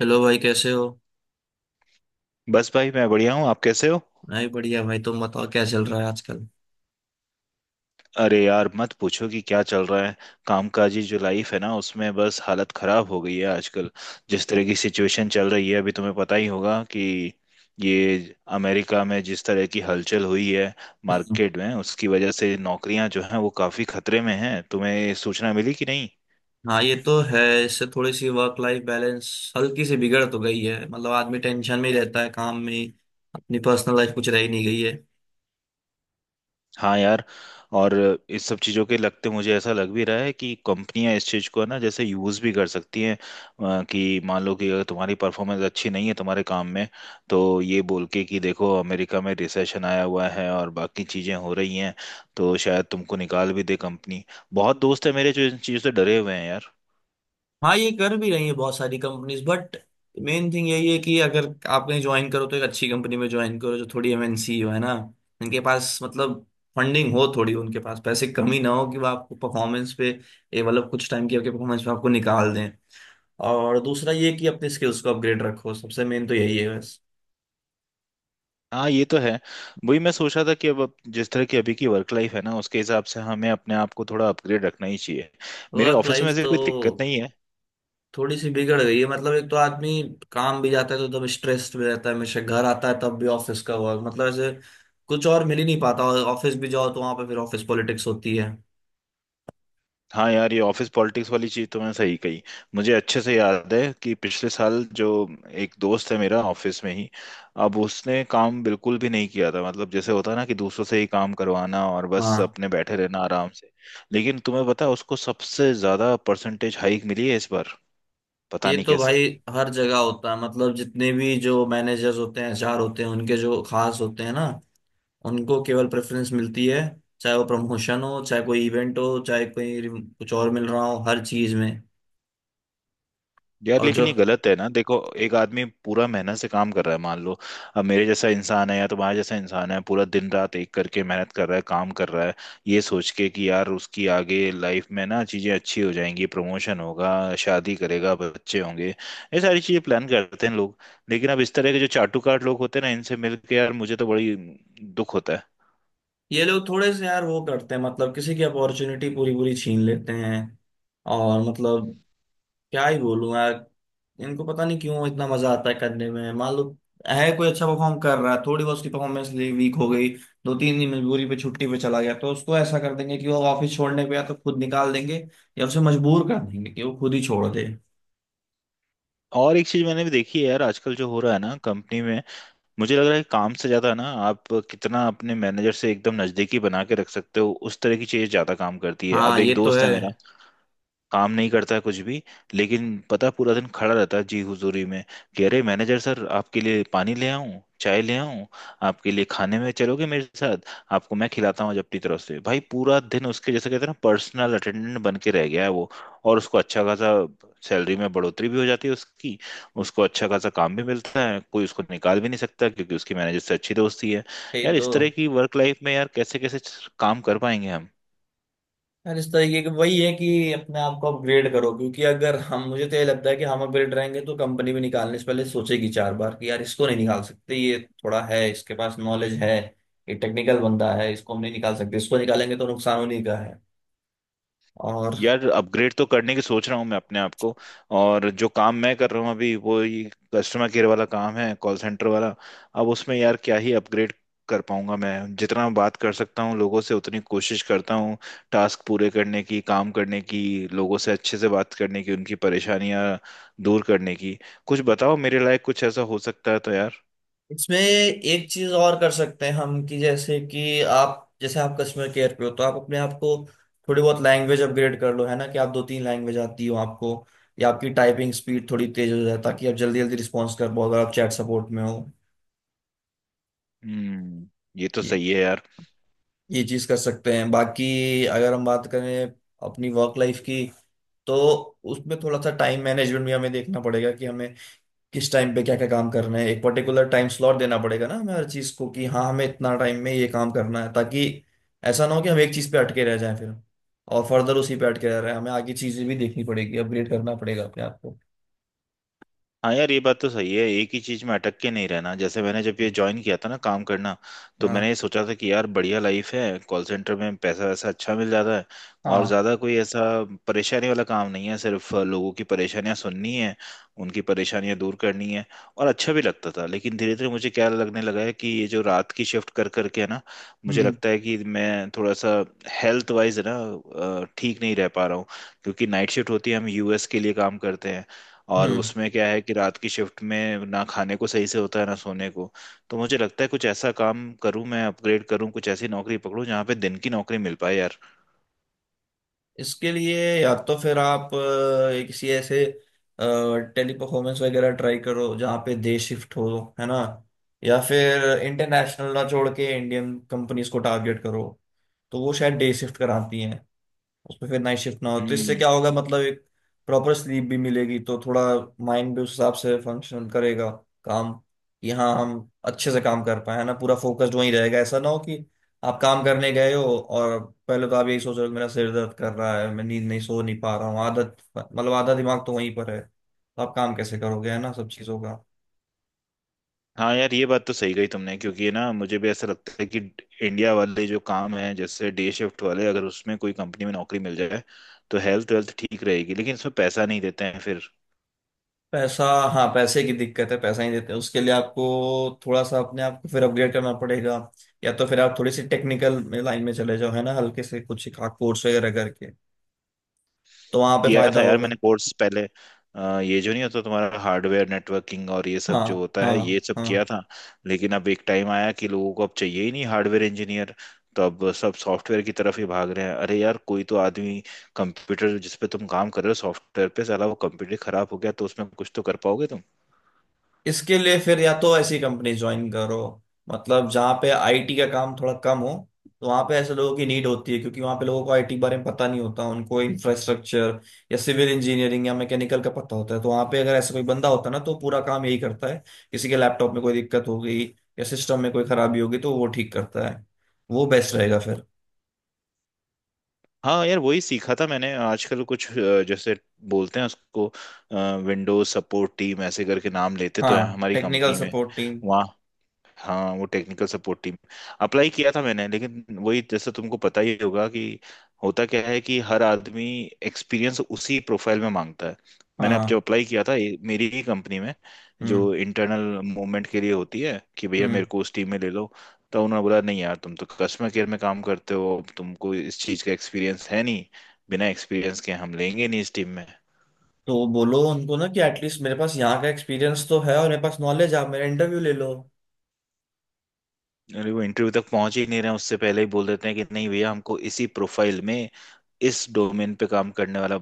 Hello भाई, कैसे हो? बस भाई मैं बढ़िया हूँ। आप कैसे हो? नहीं, बढ़िया भाई। तुम बताओ, क्या चल रहा है आजकल? अरे यार मत पूछो कि क्या चल रहा है। कामकाजी जो लाइफ है ना उसमें बस हालत खराब हो गई है आजकल। जिस तरह की सिचुएशन चल रही है अभी तुम्हें पता ही होगा कि ये अमेरिका में जिस तरह की हलचल हुई है हम्म। मार्केट में, उसकी वजह से नौकरियां जो हैं वो काफी खतरे में हैं। तुम्हें सूचना मिली कि नहीं? हाँ, ये तो है। इससे थोड़ी सी वर्क लाइफ बैलेंस हल्की सी बिगड़ तो गई है। मतलब आदमी टेंशन में ही रहता है, काम में ही। अपनी पर्सनल लाइफ कुछ रह ही नहीं गई है। हाँ यार। और इस सब चीज़ों के लगते मुझे ऐसा लग भी रहा है कि कंपनियां इस चीज़ को है ना जैसे यूज़ भी कर सकती हैं कि मान लो कि अगर तुम्हारी परफॉर्मेंस अच्छी नहीं है तुम्हारे काम में, तो ये बोल के कि देखो अमेरिका में रिसेशन आया हुआ है और बाकी चीज़ें हो रही हैं, तो शायद तुमको निकाल भी दे कंपनी। बहुत दोस्त है मेरे जो इन चीज़ों से डरे हुए हैं यार। हाँ, ये कर भी रही है बहुत सारी कंपनीज, बट मेन थिंग यही है कि अगर आप कहीं ज्वाइन करो तो एक अच्छी कंपनी में ज्वाइन करो, जो थोड़ी एमएनसी हो, है ना। इनके पास मतलब फंडिंग हो थोड़ी, उनके पास पैसे कमी ना हो कि वो आपको परफॉर्मेंस पे ये मतलब कुछ टाइम की आपके परफॉर्मेंस पे आपको निकाल दें। और दूसरा ये कि अपनी स्किल्स को अपग्रेड रखो। सबसे मेन तो यही है बस। हाँ ये तो है। वही मैं सोच रहा था कि अब जिस तरह की अभी की वर्क लाइफ है ना, उसके हिसाब से हमें अपने आप को थोड़ा अपग्रेड रखना ही चाहिए। मेरे वर्क ऑफिस में लाइफ ऐसे तो कोई दिक्कत नहीं है। थोड़ी सी बिगड़ गई है। मतलब एक तो आदमी काम भी जाता है तो एकदम स्ट्रेस्ड में रहता है हमेशा, घर आता है तब भी ऑफिस का वर्क, मतलब ऐसे कुछ और मिल ही नहीं पाता। और ऑफिस भी जाओ तो वहां पे फिर ऑफिस पॉलिटिक्स होती है। हाँ यार ये ऑफिस पॉलिटिक्स वाली चीज तो मैं सही कही। मुझे अच्छे से याद है कि पिछले साल जो एक दोस्त है मेरा ऑफिस में ही, अब उसने काम बिल्कुल भी नहीं किया था। मतलब जैसे होता है ना कि दूसरों से ही काम करवाना और बस हाँ, अपने बैठे रहना आराम से। लेकिन तुम्हें पता है उसको सबसे ज्यादा परसेंटेज हाइक मिली है इस बार। पता ये नहीं तो कैसे। भाई हर जगह होता है। मतलब जितने भी जो मैनेजर्स होते हैं, एचआर होते हैं, उनके जो खास होते हैं ना, उनको केवल प्रेफरेंस मिलती है। चाहे वो प्रमोशन हो, चाहे कोई इवेंट हो, चाहे कोई कुछ और मिल रहा हो, हर चीज में। यार और जो लेकिन ये गलत है ना, देखो एक आदमी पूरा मेहनत से काम कर रहा है, मान लो अब मेरे जैसा इंसान है या तुम्हारे जैसा इंसान है, पूरा दिन रात एक करके मेहनत कर रहा है, काम कर रहा है, ये सोच के कि यार उसकी आगे लाइफ में ना चीजें अच्छी हो जाएंगी, प्रमोशन होगा, शादी करेगा, बच्चे होंगे, ये सारी चीजें प्लान करते हैं लोग। लेकिन अब इस तरह के जो चाटुकार लोग होते हैं ना इनसे मिलके यार मुझे तो बड़ी दुख होता है। ये लोग थोड़े से यार वो करते हैं, मतलब किसी की अपॉर्चुनिटी पूरी पूरी छीन लेते हैं। और मतलब क्या ही बोलूं यार। इनको पता नहीं क्यों इतना मजा आता है करने में। मान लो है कोई अच्छा परफॉर्म कर रहा है, थोड़ी बहुत उसकी परफॉर्मेंस वीक हो गई, दो तीन दिन मजबूरी पे छुट्टी पे चला गया, तो उसको ऐसा कर देंगे कि वो ऑफिस छोड़ने पे या तो खुद निकाल देंगे या उसे मजबूर कर देंगे कि वो खुद ही छोड़ दे। और एक चीज मैंने भी देखी है यार आजकल जो हो रहा है ना कंपनी में, मुझे लग रहा है कि काम से ज्यादा ना आप कितना अपने मैनेजर से एकदम नजदीकी बना के रख सकते हो, उस तरह की चीज ज्यादा काम करती है। हाँ, अब एक ये तो दोस्त है। है मेरा, काम नहीं करता है कुछ भी, लेकिन पता है, पूरा दिन खड़ा रहता है जी हुजूरी में कि अरे मैनेजर सर आपके लिए पानी ले आऊं, चाय ले आऊं, आपके लिए खाने में चलोगे मेरे साथ, आपको मैं खिलाता हूँ जब अपनी तरफ से। भाई पूरा दिन उसके जैसे कहते हैं ना पर्सनल अटेंडेंट बन के रह गया है वो। और उसको अच्छा खासा सैलरी में बढ़ोतरी भी हो जाती है उसकी, उसको अच्छा खासा काम भी मिलता है, कोई उसको निकाल भी नहीं सकता क्योंकि उसकी मैनेजर से अच्छी दोस्ती है। यही यार तो। इस तरह की वर्क लाइफ में यार कैसे कैसे काम कर पाएंगे हम? यार, इस तरीके के वही है कि अपने आप को अपग्रेड करो। क्योंकि अगर हम मुझे तो ये लगता है कि हम अपग्रेड रहेंगे तो कंपनी भी निकालने से पहले सोचेगी 4 बार कि यार, इसको नहीं निकाल सकते, ये थोड़ा है, इसके पास नॉलेज है, ये टेक्निकल बंदा है, इसको हम नहीं निकाल सकते। इसको निकालेंगे तो नुकसान उन्हीं का है। और यार अपग्रेड तो करने की सोच रहा हूँ मैं अपने आप को। और जो काम मैं कर रहा हूँ अभी वो ये कस्टमर केयर वाला काम है, कॉल सेंटर वाला। अब उसमें यार क्या ही अपग्रेड कर पाऊंगा मैं? जितना बात कर सकता हूँ लोगों से उतनी कोशिश करता हूँ, टास्क पूरे करने की, काम करने की, लोगों से अच्छे से बात करने की, उनकी परेशानियां दूर करने की। कुछ बताओ मेरे लायक कुछ ऐसा हो सकता है तो यार। इसमें एक चीज और कर सकते हैं हम, कि जैसे आप कस्टमर केयर पे हो तो आप अपने आप को थोड़ी बहुत लैंग्वेज अपग्रेड कर लो, है ना। कि आप दो तीन लैंग्वेज आती हो आपको, या आपकी टाइपिंग स्पीड थोड़ी तेज हो जाए ताकि आप जल्दी जल्दी रिस्पॉन्स कर पाओ अगर आप चैट सपोर्ट में हो। हम्म। ये तो ये सही है यार। ये चीज कर सकते हैं। बाकी अगर हम बात करें अपनी वर्क लाइफ की, तो उसमें थोड़ा सा टाइम मैनेजमेंट भी हमें देखना पड़ेगा, कि हमें किस टाइम पे क्या क्या काम करना है। एक पर्टिकुलर टाइम स्लॉट देना पड़ेगा ना हमें हर चीज को, कि हाँ हमें इतना टाइम में ये काम करना है, ताकि ऐसा ना हो कि हम एक चीज पे अटके रह जाएं फिर। और फर्दर उसी पे अटके रह रहे हैं, हमें आगे चीजें भी देखनी पड़ेगी, अपग्रेड करना पड़ेगा अपने आप को। हाँ यार ये बात तो सही है, एक ही चीज में अटक के नहीं रहना। जैसे मैंने जब ये ज्वाइन किया था ना काम करना, तो मैंने ये हाँ, सोचा था कि यार बढ़िया लाइफ है कॉल सेंटर में, पैसा वैसा अच्छा मिल जाता है और हाँ। ज्यादा कोई ऐसा परेशानी वाला काम नहीं है, सिर्फ लोगों की परेशानियां सुननी है, उनकी परेशानियां दूर करनी है, और अच्छा भी लगता था। लेकिन धीरे धीरे मुझे क्या लगने लगा है कि ये जो रात की शिफ्ट कर करके है ना, मुझे हम्म, लगता है कि मैं थोड़ा सा हेल्थ वाइज है ना ठीक नहीं रह पा रहा हूँ, क्योंकि नाइट शिफ्ट होती है, हम यूएस के लिए काम करते हैं। और हम्म। उसमें क्या है कि रात की शिफ्ट में ना खाने को सही से होता है ना सोने को। तो मुझे लगता है कुछ ऐसा काम करूं मैं, अपग्रेड करूं, कुछ ऐसी नौकरी पकड़ूं जहाँ पे दिन की नौकरी मिल पाए यार। इसके लिए या तो फिर आप एक किसी ऐसे टेली परफॉर्मेंस वगैरह ट्राई करो जहाँ पे डे शिफ्ट हो, है ना। या फिर इंटरनेशनल ना छोड़ के इंडियन कंपनीज को टारगेट करो, तो वो शायद डे शिफ्ट कराती हैं। उसमें फिर नाइट शिफ्ट ना हो तो इससे हम्म। क्या होगा, मतलब एक प्रॉपर स्लीप भी मिलेगी, तो थोड़ा माइंड भी उस हिसाब से फंक्शन करेगा काम। कि हाँ हम अच्छे से काम कर पाए, है ना, पूरा फोकस्ड वहीं रहेगा। ऐसा ना हो कि आप काम करने गए हो, और पहले तो आप यही सोच रहे हो कि मेरा सिर दर्द कर रहा है, मैं नींद नहीं, सो नहीं पा रहा हूँ, आदत, मतलब आधा दिमाग तो वहीं पर है, तो आप काम कैसे करोगे, है ना। सब चीज़ों का। हाँ यार ये बात तो सही कही तुमने, क्योंकि ये ना मुझे भी ऐसा लगता है कि इंडिया वाले जो काम है जैसे डे शिफ्ट वाले, अगर उसमें कोई कंपनी में नौकरी मिल जाए तो हेल्थ वेल्थ ठीक रहेगी, लेकिन इसमें पैसा नहीं देते हैं फिर। पैसा। हाँ, पैसे की दिक्कत है। पैसा ही देते हैं उसके लिए आपको। थोड़ा सा अपने आप को फिर अपग्रेड करना पड़ेगा, या तो फिर आप थोड़ी सी टेक्निकल लाइन में चले जाओ, है ना, हल्के से कुछ कोर्स वगैरह करके, तो वहां पे किया फायदा था यार होगा। मैंने कोर्स पहले, ये जो नहीं होता तुम्हारा हार्डवेयर नेटवर्किंग और ये सब हाँ, जो होता है, हाँ, ये सब किया हाँ। था। लेकिन अब एक टाइम आया कि लोगों को अब चाहिए ही नहीं हार्डवेयर इंजीनियर। तो अब सब सॉफ्टवेयर की तरफ ही भाग रहे हैं। अरे यार कोई तो आदमी, कंप्यूटर जिस पे तुम काम कर रहे हो सॉफ्टवेयर पे, साला वो कंप्यूटर खराब हो गया तो उसमें कुछ तो कर पाओगे तुम। इसके लिए फिर या तो ऐसी कंपनी ज्वाइन करो, मतलब जहाँ पे आईटी का काम थोड़ा कम हो, तो वहाँ पे ऐसे लोगों की नीड होती है। क्योंकि वहाँ पे लोगों को आईटी के बारे में पता नहीं होता, उनको इंफ्रास्ट्रक्चर या सिविल इंजीनियरिंग या मैकेनिकल का पता होता है। तो वहाँ पे अगर ऐसा कोई बंदा होता ना, तो पूरा काम यही करता है। किसी के लैपटॉप में कोई दिक्कत हो गई या सिस्टम में कोई खराबी होगी तो वो ठीक करता है। वो बेस्ट रहेगा फिर। हाँ यार वही सीखा था मैंने आजकल कुछ जैसे बोलते हैं उसको, विंडोज सपोर्ट टीम ऐसे करके नाम लेते तो हाँ, है हमारी टेक्निकल कंपनी में। Support team. वहाँ, हाँ वो टेक्निकल सपोर्ट टीम अप्लाई किया था मैंने। लेकिन वही जैसे तुमको पता ही होगा कि होता क्या है कि हर आदमी एक्सपीरियंस उसी प्रोफाइल में मांगता है। मैंने अब जब हाँ। अप्लाई किया था ये मेरी ही कंपनी में, जो हम्म, इंटरनल मूवमेंट के लिए होती है, कि भैया मेरे हम्म। को उस टीम में ले लो, तो उन्होंने बोला नहीं यार तुम तो कस्टमर केयर में काम करते हो, अब तुमको इस चीज़ का एक्सपीरियंस है नहीं, बिना एक्सपीरियंस के हम लेंगे नहीं इस टीम में। तो बोलो उनको ना कि एटलीस्ट मेरे पास यहाँ का एक्सपीरियंस तो है, और मेरे पास नॉलेज है, आप मेरा इंटरव्यू ले लो। अरे वो इंटरव्यू तक पहुंच ही नहीं रहे हैं, उससे पहले ही बोल देते हैं कि नहीं भैया हमको इसी प्रोफाइल में, इस डोमेन पे काम करने वाला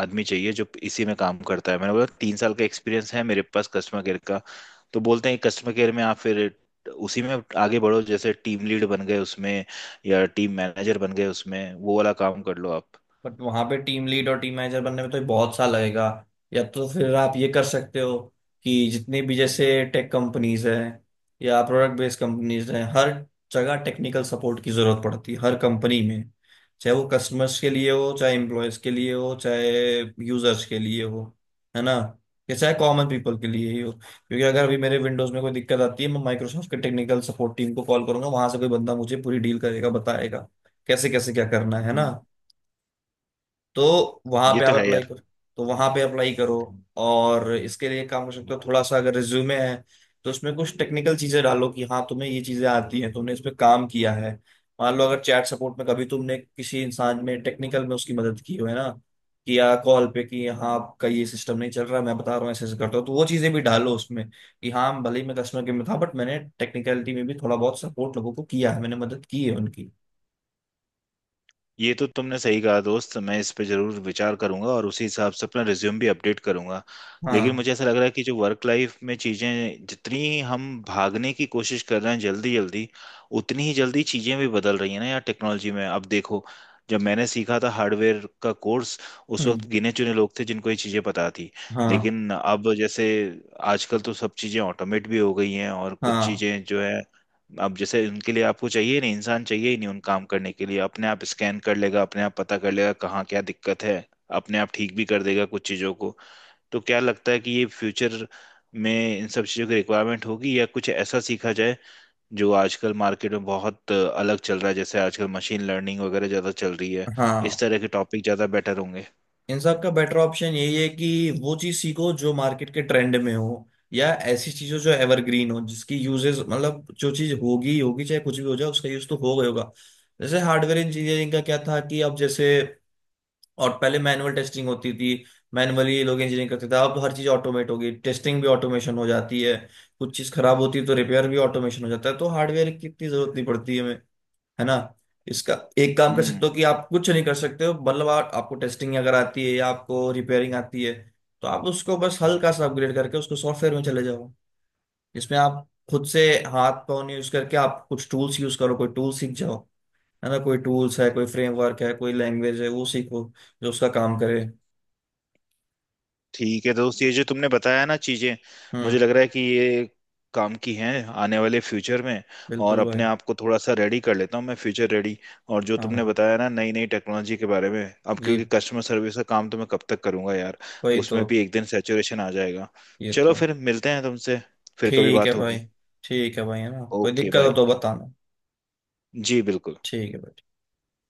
आदमी चाहिए जो इसी में काम करता है। मैंने बोला 3 साल का एक्सपीरियंस है मेरे पास कस्टमर केयर का, तो बोलते हैं कस्टमर केयर में आप फिर उसी में आगे बढ़ो, जैसे टीम लीड बन गए उसमें या टीम मैनेजर बन गए उसमें, वो वाला काम कर लो आप। बट वहां पे टीम लीड और टीम मैनेजर बनने में तो बहुत साल लगेगा। या तो फिर आप ये कर सकते हो कि जितनी भी जैसे टेक कंपनीज हैं या प्रोडक्ट बेस्ड कंपनीज हैं, हर जगह टेक्निकल सपोर्ट की जरूरत पड़ती है, हर कंपनी में। चाहे वो कस्टमर्स के लिए हो, चाहे एम्प्लॉयज के लिए हो, चाहे यूजर्स के लिए हो, है ना, या चाहे कॉमन पीपल के लिए ही हो। क्योंकि अगर अभी मेरे विंडोज में कोई दिक्कत आती है, मैं माइक्रोसॉफ्ट के टेक्निकल सपोर्ट टीम को कॉल करूंगा, वहां से कोई बंदा मुझे पूरी डील करेगा, बताएगा कैसे कैसे क्या करना है ना। हम्म। तो वहां ये पे तो आप है अप्लाई यार। करो। तो वहां पे अप्लाई करो। और इसके लिए काम कर सकते हो। थोड़ा सा अगर रिज्यूमे है, तो उसमें कुछ टेक्निकल चीजें डालो कि हाँ तुम्हें ये चीजें आती हैं, तुमने इस पे काम किया है। मान लो अगर चैट सपोर्ट में कभी तुमने किसी इंसान में टेक्निकल में उसकी मदद की हो, है ना, कि या कॉल पे कि हाँ आपका ये सिस्टम नहीं चल रहा मैं बता रहा हूँ ऐसे ऐसे करता हूँ, तो वो चीजें भी डालो उसमें। कि हाँ भले ही मैं कस्टमर केयर में था बट मैंने टेक्निकलिटी में भी थोड़ा बहुत सपोर्ट लोगों को किया है, मैंने मदद की है उनकी। ये तो तुमने सही कहा दोस्त, मैं इस पे जरूर विचार करूंगा और उसी हिसाब से अपना रिज्यूम भी अपडेट करूंगा। लेकिन हाँ। मुझे ऐसा लग रहा है कि जो वर्क लाइफ में चीजें जितनी हम भागने की कोशिश कर रहे हैं जल्दी जल्दी, उतनी ही जल्दी चीजें भी बदल रही हैं ना यार टेक्नोलॉजी में। अब देखो जब मैंने सीखा था हार्डवेयर का कोर्स, उस हम्म। वक्त गिने चुने लोग थे जिनको ये चीजें पता थी। हाँ, लेकिन अब जैसे आजकल तो सब चीजें ऑटोमेट भी हो गई हैं। और कुछ हाँ, चीजें जो है, अब जैसे उनके लिए आपको चाहिए नहीं, इंसान चाहिए ही नहीं उन काम करने के लिए। अपने आप स्कैन कर लेगा, अपने आप पता कर लेगा कहाँ क्या दिक्कत है, अपने आप ठीक भी कर देगा कुछ चीज़ों को। तो क्या लगता है कि ये फ्यूचर में इन सब चीज़ों की रिक्वायरमेंट होगी, या कुछ ऐसा सीखा जाए जो आजकल मार्केट में बहुत अलग चल रहा है? जैसे आजकल मशीन लर्निंग वगैरह ज़्यादा चल रही है, इस हाँ। तरह के टॉपिक ज़्यादा बेटर होंगे? इन सब का बेटर ऑप्शन यही है कि वो चीज सीखो जो मार्केट के ट्रेंड में हो, या ऐसी चीजों जो एवरग्रीन हो जिसकी यूजेस, मतलब जो चीज होगी ही होगी, चाहे कुछ भी हो जाए, उसका यूज तो हो गई होगा। जैसे हार्डवेयर इंजीनियरिंग का क्या था कि अब जैसे, और पहले मैनुअल टेस्टिंग होती थी, मैनुअली लोग इंजीनियरिंग करते थे, अब हर चीज ऑटोमेट हो गई। टेस्टिंग भी ऑटोमेशन हो जाती है, कुछ चीज खराब होती है तो रिपेयर भी ऑटोमेशन हो जाता है, तो हार्डवेयर की इतनी जरूरत नहीं पड़ती है हमें। है ना। इसका एक काम कर सकते हम्म। हो कि आप कुछ नहीं कर सकते हो, मतलब आपको टेस्टिंग अगर आती है या आपको रिपेयरिंग आती है, तो आप उसको बस हल्का सा अपग्रेड करके उसको सॉफ्टवेयर में चले जाओ। इसमें आप खुद से हाथ पाँव नहीं यूज करके आप कुछ टूल्स यूज करो, कोई टूल सीख जाओ, है ना। कोई टूल्स है, कोई फ्रेमवर्क है, कोई लैंग्वेज है, वो सीखो जो उसका काम करे। ठीक है दोस्त ये जो तुमने बताया ना चीजें, मुझे हम्म। लग रहा है कि ये काम की हैं आने वाले फ्यूचर में। और बिल्कुल भाई। अपने आप को थोड़ा सा रेडी कर लेता हूँ मैं, फ्यूचर रेडी। और जो हाँ तुमने भाई। बताया ना नई नई टेक्नोलॉजी के बारे में, अब जी, क्योंकि कस्टमर सर्विस का काम तो मैं कब तक करूंगा यार? वही तो। उसमें भी एक दिन सैचुरेशन आ जाएगा। ये चलो तो। फिर मिलते हैं तुमसे, फिर कभी ठीक है बात भाई। होगी। ठीक है भाई, है ना। कोई ओके दिक्कत हो बाय। तो बताना। जी बिल्कुल। ठीक है भाई।